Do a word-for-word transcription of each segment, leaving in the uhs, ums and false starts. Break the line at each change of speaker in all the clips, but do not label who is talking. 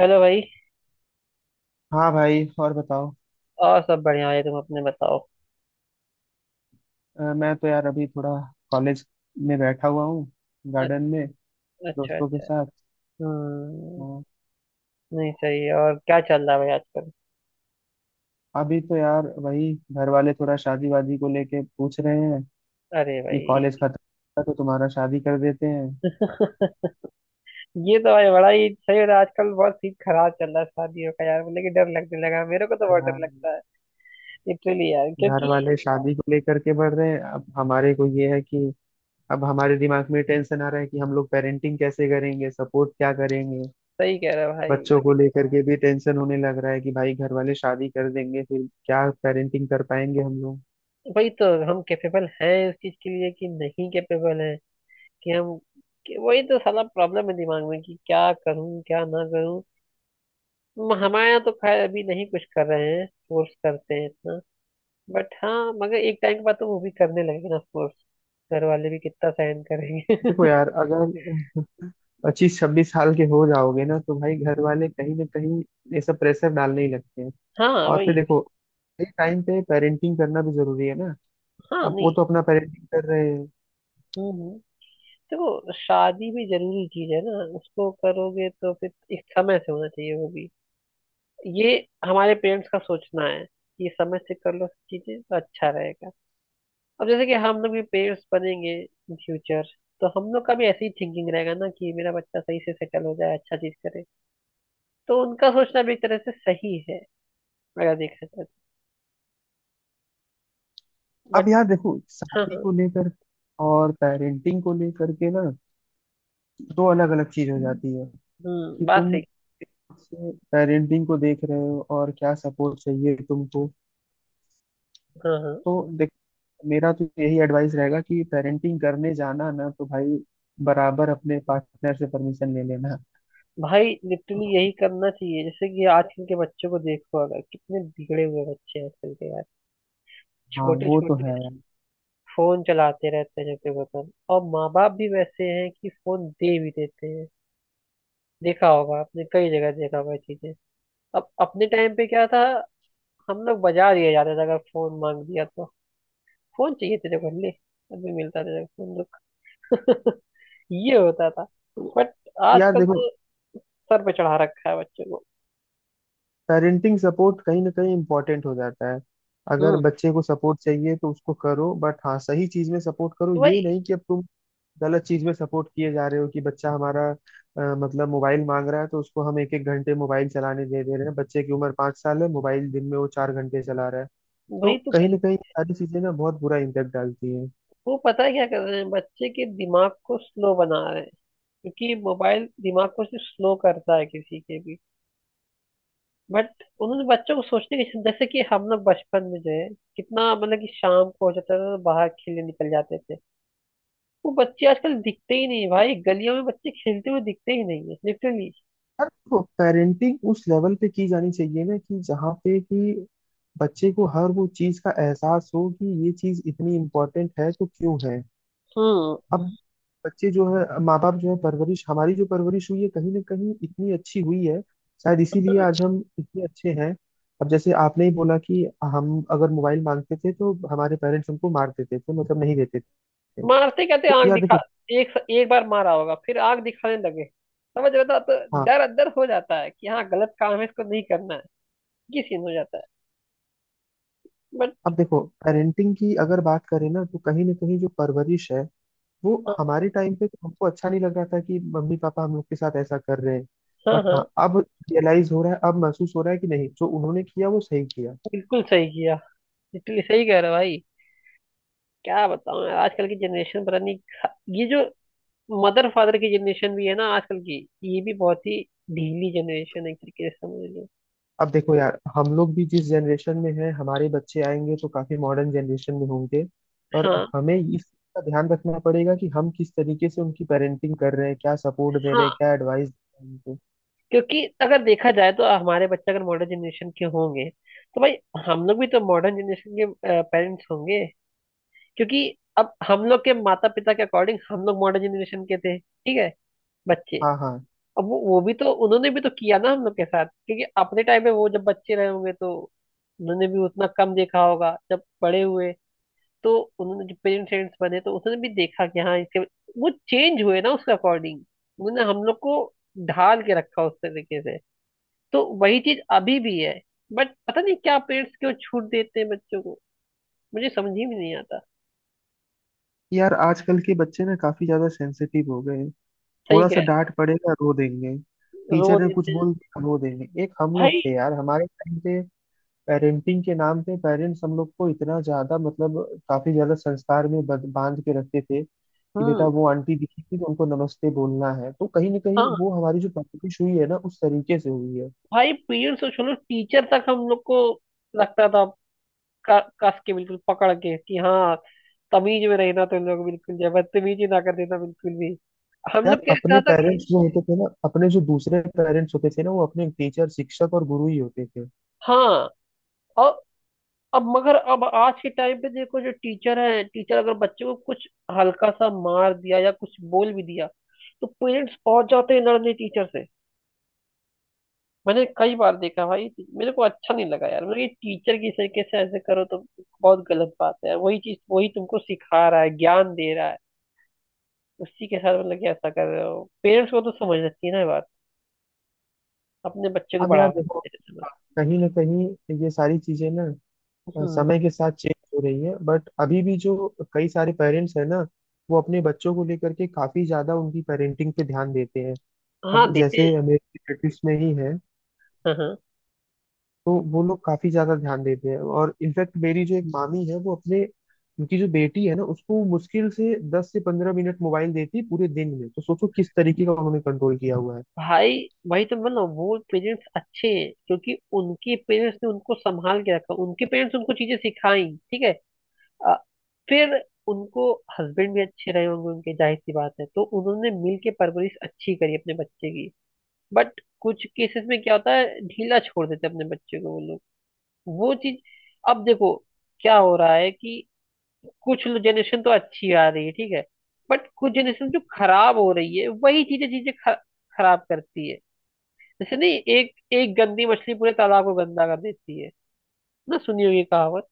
Hello भाई।
हाँ भाई, और बताओ।
और सब बढ़िया है, तुम अपने बताओ।
अ, मैं तो यार अभी थोड़ा कॉलेज में बैठा हुआ हूँ, गार्डन में,
अच- अच्छा
दोस्तों के
अच्छा।
साथ।
हम्म।
हाँ,
नहीं सही है। और क्या चल रहा है भाई आजकल?
अभी तो यार वही घर वाले थोड़ा शादी वादी को लेके पूछ रहे हैं
अरे
कि
भाई।
कॉलेज खत्म होगा तो तुम्हारा शादी कर देते हैं।
ये तो भाई बड़ा ही सही हो रहा है आजकल। बहुत सीन खराब चल रहा है शादियों का यार, मुझे कि डर लगने लगा है। मेरे को तो
तो
बहुत डर
यार
लगता है लिटरली यार,
घर
क्योंकि
वाले शादी को लेकर के बढ़ रहे हैं, अब हमारे को ये है कि अब हमारे दिमाग में टेंशन आ रहा है कि हम लोग पेरेंटिंग कैसे करेंगे, सपोर्ट क्या करेंगे।
सही कह रहे हो भाई।
बच्चों को लेकर के भी टेंशन होने लग रहा है कि भाई घर वाले शादी कर देंगे फिर क्या पेरेंटिंग कर पाएंगे हम लोग।
वही तो, हम कैपेबल हैं उस चीज के लिए कि नहीं कैपेबल हैं कि हम कि वही तो साला प्रॉब्लम है दिमाग में, कि क्या करूं क्या ना करूं। हम- हमारे यहाँ तो खैर अभी नहीं कुछ कर रहे हैं, फोर्स करते हैं इतना। बट हाँ, मगर एक टाइम के बाद तो वो भी करने लगेंगे ना ऑफकोर्स। घर वाले भी कितना सहन करेंगे।
देखो यार, अगर पच्चीस छब्बीस साल के हो जाओगे ना तो भाई घर वाले कहीं ना कहीं ये सब प्रेशर डालने ही लगते हैं।
हाँ
और फिर
वही।
देखो, एक टाइम पे पेरेंटिंग करना भी जरूरी है ना।
हाँ
अब वो
नहीं।
तो अपना पेरेंटिंग कर रहे हैं।
हम्म हम्म। देखो शादी भी जरूरी चीज है ना। उसको करोगे तो फिर एक समय से होना चाहिए वो भी। ये हमारे पेरेंट्स का सोचना है कि समय से कर लो चीजें तो अच्छा रहेगा। अब जैसे कि हम लोग भी पेरेंट्स बनेंगे इन फ्यूचर, तो हम लोग का भी ऐसी ही थिंकिंग रहेगा ना कि मेरा बच्चा सही से सेटल हो जाए, अच्छा चीज करे। तो उनका सोचना भी एक तरह से सही है, अगर देखा जाए।
अब
बट
यार देखो,
हाँ
शादी
हाँ।
को लेकर और पेरेंटिंग को लेकर के ना दो अलग अलग चीज हो जाती है कि
हम्म बात
तुम
सही।
पेरेंटिंग को देख रहे हो और क्या सपोर्ट चाहिए तुमको।
हाँ हाँ।
तो मेरा तो यही एडवाइस रहेगा कि पेरेंटिंग करने जाना ना तो भाई बराबर अपने पार्टनर से परमिशन ले लेना।
भाई लिटरली यही करना चाहिए। जैसे कि आजकल के बच्चों को देखो, अगर कितने बिगड़े हुए बच्चे हैं आजकल के यार।
हाँ
छोटे
वो तो
छोटे
है यार।
फोन चलाते रहते हैं, जैसे वतन। और माँ बाप भी वैसे हैं कि फोन दे भी देते हैं। देखा होगा आपने, कई जगह देखा होगा ये चीजें। अब अपने टाइम पे क्या था, हम लोग बाजार दिया जाते थे अगर फोन मांग दिया तो। फोन चाहिए तेरे को, ले, अभी मिलता तेरे को फोन, रुक। ये होता था।
तो
बट
यार
आजकल
देखो,
तो सर पे चढ़ा रखा है बच्चों को।
पेरेंटिंग सपोर्ट कहीं ना कहीं इम्पोर्टेंट हो जाता है। अगर
हम्म।
बच्चे को सपोर्ट चाहिए तो उसको करो, बट हाँ सही चीज में सपोर्ट करो।
तो भाई,
ये नहीं कि अब तुम गलत चीज में सपोर्ट किए जा रहे हो कि बच्चा हमारा अ, मतलब मोबाइल मांग रहा है तो उसको हम एक एक घंटे मोबाइल चलाने दे दे रहे हैं। बच्चे की उम्र पाँच साल है, मोबाइल दिन में वो चार घंटे चला रहा है। तो
वही तो
कहीं
गल-
ना कहीं ये सारी चीजें ना बहुत बुरा इम्पैक्ट डालती हैं।
वो पता है क्या कर रहे हैं, बच्चे के दिमाग को स्लो बना रहे हैं। क्योंकि मोबाइल दिमाग को सिर्फ स्लो करता है, किसी के भी। बट उन्होंने बच्चों को सोचने की, जैसे कि हम लोग बचपन में जो है, कितना मतलब कि शाम को हो जाता था तो बाहर खेलने निकल जाते थे। वो बच्चे आजकल दिखते ही नहीं है भाई, गलियों में बच्चे खेलते हुए दिखते ही नहीं है लिटरली।
और देखो, पेरेंटिंग उस लेवल पे की जानी चाहिए ना कि जहाँ पे कि बच्चे को हर वो चीज का एहसास हो कि ये चीज इतनी इम्पोर्टेंट है तो क्यों है।
हम्म।
अब हम्म। बच्चे जो है, माँ बाप जो है, परवरिश हमारी जो परवरिश हुई है कहीं ना कहीं इतनी अच्छी हुई है, शायद इसीलिए आज हम इतने अच्छे हैं। अब जैसे आपने ही बोला कि हम अगर मोबाइल मांगते थे तो हमारे पेरेंट्स हमको मार देते थे, तो मतलब नहीं देते थे।
मारते, कहते
तो
आंख
यार
दिखा।
देखो।
एक एक बार मारा होगा फिर आंख दिखाने लगे। समझ रहे हो? तो
हाँ,
डर अंदर हो जाता है कि हाँ गलत काम है, इसको नहीं करना है। ये सीन हो जाता है। बट
अब देखो पेरेंटिंग की अगर बात करें ना तो कहीं ना कहीं जो परवरिश है वो
हाँ
हमारे टाइम पे तो हमको अच्छा नहीं लग रहा था कि मम्मी पापा हम लोग के साथ ऐसा कर रहे हैं।
हाँ
बट हाँ
हाँ।
अब रियलाइज हो रहा है, अब महसूस हो रहा है कि नहीं जो उन्होंने किया वो सही किया।
बिल्कुल सही किया। बिल्कुल सही कह रहे हो भाई। क्या बताऊं यार, आजकल की जनरेशन पता नहीं खा- ये जो मदर फादर की जनरेशन भी है ना आजकल की, ये भी बहुत ही ढीली जनरेशन है एक तरीके से समझ लो।
अब देखो यार, हम लोग भी जिस जनरेशन में हैं, हमारे बच्चे आएंगे तो काफी मॉडर्न जनरेशन में होंगे और
हाँ
हमें इस चीज़ का ध्यान रखना पड़ेगा कि हम किस तरीके से उनकी पेरेंटिंग कर रहे हैं, क्या सपोर्ट दे रहे हैं,
हाँ।
क्या एडवाइस दे रहे हैं उनको।
क्योंकि अगर देखा जाए तो हमारे बच्चे अगर मॉडर्न जनरेशन के होंगे तो भाई हम लोग भी तो मॉडर्न जनरेशन के पेरेंट्स होंगे। क्योंकि अब हम लोग के माता पिता के अकॉर्डिंग हम लोग मॉडर्न जनरेशन के थे, ठीक है। बच्चे।
हाँ हाँ।
अब वो, वो भी तो उन्होंने भी तो किया ना हम लोग के साथ, क्योंकि अपने टाइम में वो जब बच्चे रहे होंगे तो उन्होंने भी उतना कम देखा होगा। जब बड़े हुए तो उन्होंने जब पेरेंट्स बने तो उन्होंने भी देखा कि हाँ इसके, वो चेंज हुए ना उसके अकॉर्डिंग। उन्होंने हम लोग को ढाल के रखा उस तरीके से। तो वही चीज अभी भी है। बट पता नहीं क्या पेरेंट्स क्यों छूट देते हैं बच्चों को, मुझे समझ ही में नहीं आता।
यार आजकल के बच्चे ना काफी ज्यादा सेंसिटिव हो गए हैं।
सही
थोड़ा
कह
सा
रहे
डांट पड़ेगा रो देंगे,
हो, रो
टीचर ने कुछ
देते हैं।
बोल दिया रो देंगे। एक हम लोग
भाई।
थे यार, हमारे टाइम पे पेरेंटिंग के नाम पे पेरेंट्स हम लोग को इतना ज्यादा मतलब काफी ज्यादा संस्कार में बद- बांध के रखते थे कि बेटा
हम्म।
वो आंटी दिखी थी तो उनको नमस्ते बोलना है। तो कहीं ना कहीं
हाँ।
वो हमारी जो परवरिश हुई है ना उस तरीके से हुई है।
भाई पेरेंट्स और चलो टीचर तक हम लोग को लगता था, क- कस के बिल्कुल पकड़ के कि हाँ, तमीज में रहना तुम लोग बिल्कुल जो है, बदतमीजी ना कर देना बिल्कुल भी। हम लोग
यार
कहता
अपने
था कि
पेरेंट्स जो होते थे ना, अपने जो दूसरे पेरेंट्स होते थे ना, वो अपने टीचर, शिक्षक और गुरु ही होते थे।
हाँ। और अब मगर अब आज के टाइम पे देखो, जो टीचर है, टीचर अगर बच्चे को कुछ हल्का सा मार दिया या कुछ बोल भी दिया तो पेरेंट्स पहुंच जाते हैं लड़ने टीचर से। मैंने कई बार देखा भाई, मेरे को अच्छा नहीं लगा यार। मतलब ये टीचर की तरीके से ऐसे करो तो बहुत गलत बात है। वही चीज, वही तुमको सिखा रहा है, ज्ञान दे रहा है, उसी के साथ मतलब कि ऐसा कर रहे हो। पेरेंट्स को तो समझना चाहिए ना ये बात, अपने बच्चे को
हम यार
बढ़ावा
देखो,
देते रहते हैं बस।
कहीं ना कहीं ये सारी चीजें ना अ,
हम्म।
समय के साथ चेंज हो रही है। बट अभी भी जो कई सारे पेरेंट्स हैं ना, वो अपने बच्चों को लेकर के काफी ज्यादा उनकी पेरेंटिंग पे ध्यान देते हैं।
हाँ
अब
देते हैं।
जैसे मेरे रिलेटिव्स में ही है,
हाँ हाँ।
तो वो लोग काफी ज्यादा ध्यान देते हैं और इनफैक्ट मेरी जो एक मामी है वो अपने उनकी जो बेटी है ना उसको मुश्किल से दस से पंद्रह मिनट मोबाइल देती है पूरे दिन में। तो सोचो किस तरीके का उन्होंने कंट्रोल किया हुआ है।
भाई। भाई तो मतलब वो पेरेंट्स अच्छे हैं क्योंकि उनके पेरेंट्स ने उनको संभाल के रखा, उनके पेरेंट्स उनको चीजें सिखाई। ठीक है। अ, फिर उनको हस्बैंड भी अच्छे रहे होंगे उनके, जाहिर सी बात है, तो उन्होंने मिल के परवरिश अच्छी करी अपने बच्चे की। बट कुछ केसेस में क्या होता है, ढीला छोड़ देते हैं अपने बच्चे को वो लोग। वो चीज। अब देखो क्या हो रहा है कि कुछ जनरेशन तो अच्छी आ रही है, ठीक है। बट कुछ जनरेशन जो खराब हो रही है, वही चीजें चीजें ख- खराब करती है। जैसे नहीं, एक एक गंदी मछली पूरे तालाब को गंदा कर देती है, ना? सुनी होगी कहावत।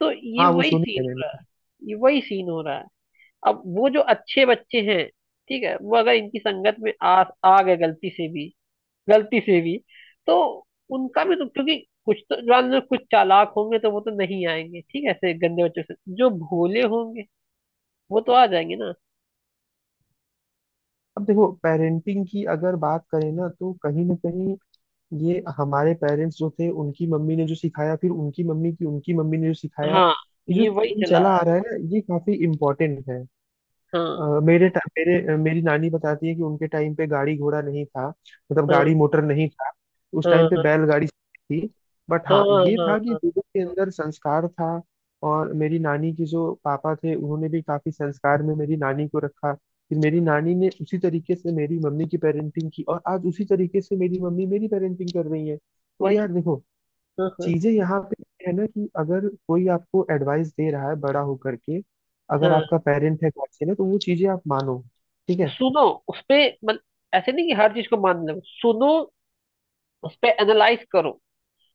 तो ये
हाँ वो
वही
सुनी
सीन
है
हो रहा
मैंने।
है, ये वही सीन हो रहा है। अब वो जो अच्छे बच्चे हैं, ठीक है, वो अगर इनकी संगत में आ आ गए गलती से भी, गलती से भी, तो उनका भी तो, क्योंकि कुछ तो जान लो कुछ चालाक होंगे, तो वो तो नहीं आएंगे ठीक है ऐसे गंदे बच्चों से। जो भोले होंगे वो तो आ जाएंगे ना।
अब देखो पेरेंटिंग की अगर बात करें ना तो कहीं ना कहीं ये हमारे पेरेंट्स जो थे उनकी मम्मी ने जो सिखाया, फिर उनकी मम्मी की उनकी मम्मी ने जो सिखाया,
हाँ
ये जो
ये वही
दिन
चला
चला
रहा
आ
है।
रहा है ना ये काफी इम्पोर्टेंट है।
हाँ
अ, मेरे टा- मेरे अ, मेरी नानी बताती है कि उनके टाइम पे गाड़ी घोड़ा नहीं था, मतलब
हाँ।
गाड़ी मोटर नहीं था। उस टाइम पे
हाँ
बैलगाड़ी थी, बट
हाँ।
हाँ
हाँ
ये था कि
हाँ,
लोगों के अंदर संस्कार था। और मेरी नानी की जो पापा थे उन्होंने भी काफी संस्कार में मेरी नानी को रखा, फिर मेरी नानी ने उसी तरीके से मेरी मम्मी की पेरेंटिंग की और आज उसी तरीके से मेरी मम्मी मेरी पेरेंटिंग कर रही है। तो
वही।
यार देखो,
हाँ हाँ
चीजें यहाँ पे है ना कि अगर कोई आपको एडवाइस दे रहा है बड़ा होकर के, अगर
हाँ।
आपका पेरेंट है, गार्जियन है, तो वो चीजें आप मानो। ठीक है।
सुनो उसपे, मत, ऐसे नहीं कि हर चीज को मान लो। सुनो, उसपे एनालाइज करो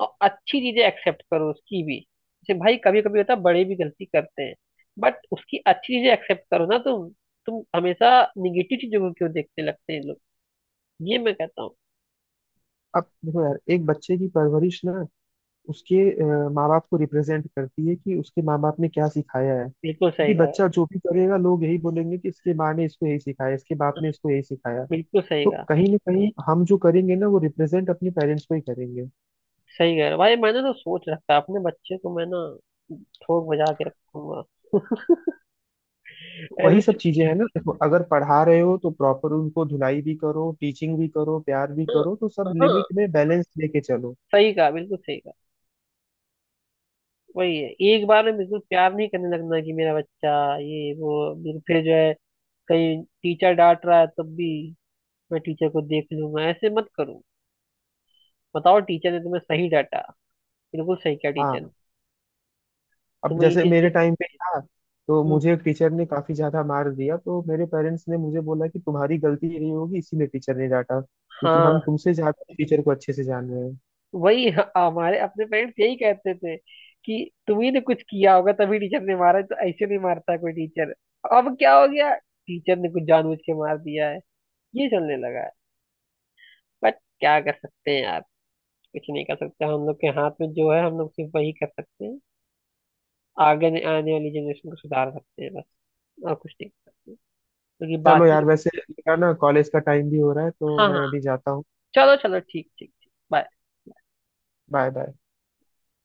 और अच्छी चीजें एक्सेप्ट करो उसकी भी। जैसे भाई कभी कभी होता है बड़े भी गलती करते हैं, बट उसकी अच्छी चीजें एक्सेप्ट करो ना तुम। तुम हमेशा निगेटिव चीजों को क्यों देखने लगते हैं लोग, ये मैं कहता हूँ।
अब देखो यार एक बच्चे की परवरिश ना उसके माँ बाप को रिप्रेजेंट करती है कि उसके माँ बाप ने क्या सिखाया है,
बिल्कुल सही
क्योंकि
कहा।
बच्चा जो भी करेगा लोग यही बोलेंगे कि इसके माँ ने इसको यही सिखाया, इसके बाप ने इसको यही सिखाया।
बिल्कुल सही
तो
कहा।
कहीं ना कहीं हम जो करेंगे ना वो रिप्रेजेंट अपने पेरेंट्स को ही करेंगे।
सही कह रहे हो। भाई मैंने तो सोच रखा है, अपने बच्चे को मैं ना ठोक बजा के रखूंगा
वही सब
ऐसे।
चीजें हैं ना। देखो, अगर पढ़ा रहे हो तो प्रॉपर उनको धुलाई भी करो, टीचिंग भी करो, प्यार भी
हाँ
करो, तो सब
हाँ,
लिमिट में बैलेंस लेके चलो।
सही कहा, बिल्कुल सही कहा। वही है, एक बार में बिल्कुल प्यार नहीं करने लगना कि मेरा बच्चा, ये वो फिर फिर जो है कहीं टीचर डांट रहा है तब भी मैं टीचर को देख लूंगा, ऐसे मत करो। बताओ टीचर ने तुम्हें सही डांटा, बिल्कुल सही कहा
हाँ,
टीचर ने,
अब
तुम्हें ये
जैसे
चीज
मेरे
नहीं
टाइम पे
करनी।
था, तो
हम्म,
मुझे एक टीचर ने काफी ज्यादा मार दिया, तो मेरे पेरेंट्स ने मुझे बोला कि तुम्हारी गलती नहीं होगी इसीलिए टीचर ने डांटा, क्योंकि
हाँ।
हम तुमसे ज्यादा टीचर को अच्छे से जान रहे हैं।
वही ह- हमारे अपने पेरेंट्स यही कहते थे कि तुम्ही ने कुछ किया होगा तभी टीचर ने मारा है, तो ऐसे नहीं मारता कोई टीचर। अब क्या हो गया, टीचर ने कुछ जानबूझ के मार दिया है, ये चलने लगा है। बट क्या कर सकते हैं यार, कुछ नहीं कर सकते। हम लोग के हाथ में जो है हम लोग सिर्फ वही कर सकते हैं, आगे ने- आने वाली जनरेशन को सुधार सकते हैं बस, और कुछ नहीं कर सकते। क्योंकि
चलो
बाकी के
यार, वैसे
बच्चे-
मेरा ना कॉलेज का टाइम भी हो रहा है तो
हाँ हाँ।
मैं अभी जाता हूँ।
चलो चलो, ठीक ठीक ठीक, बाय।
Bye bye.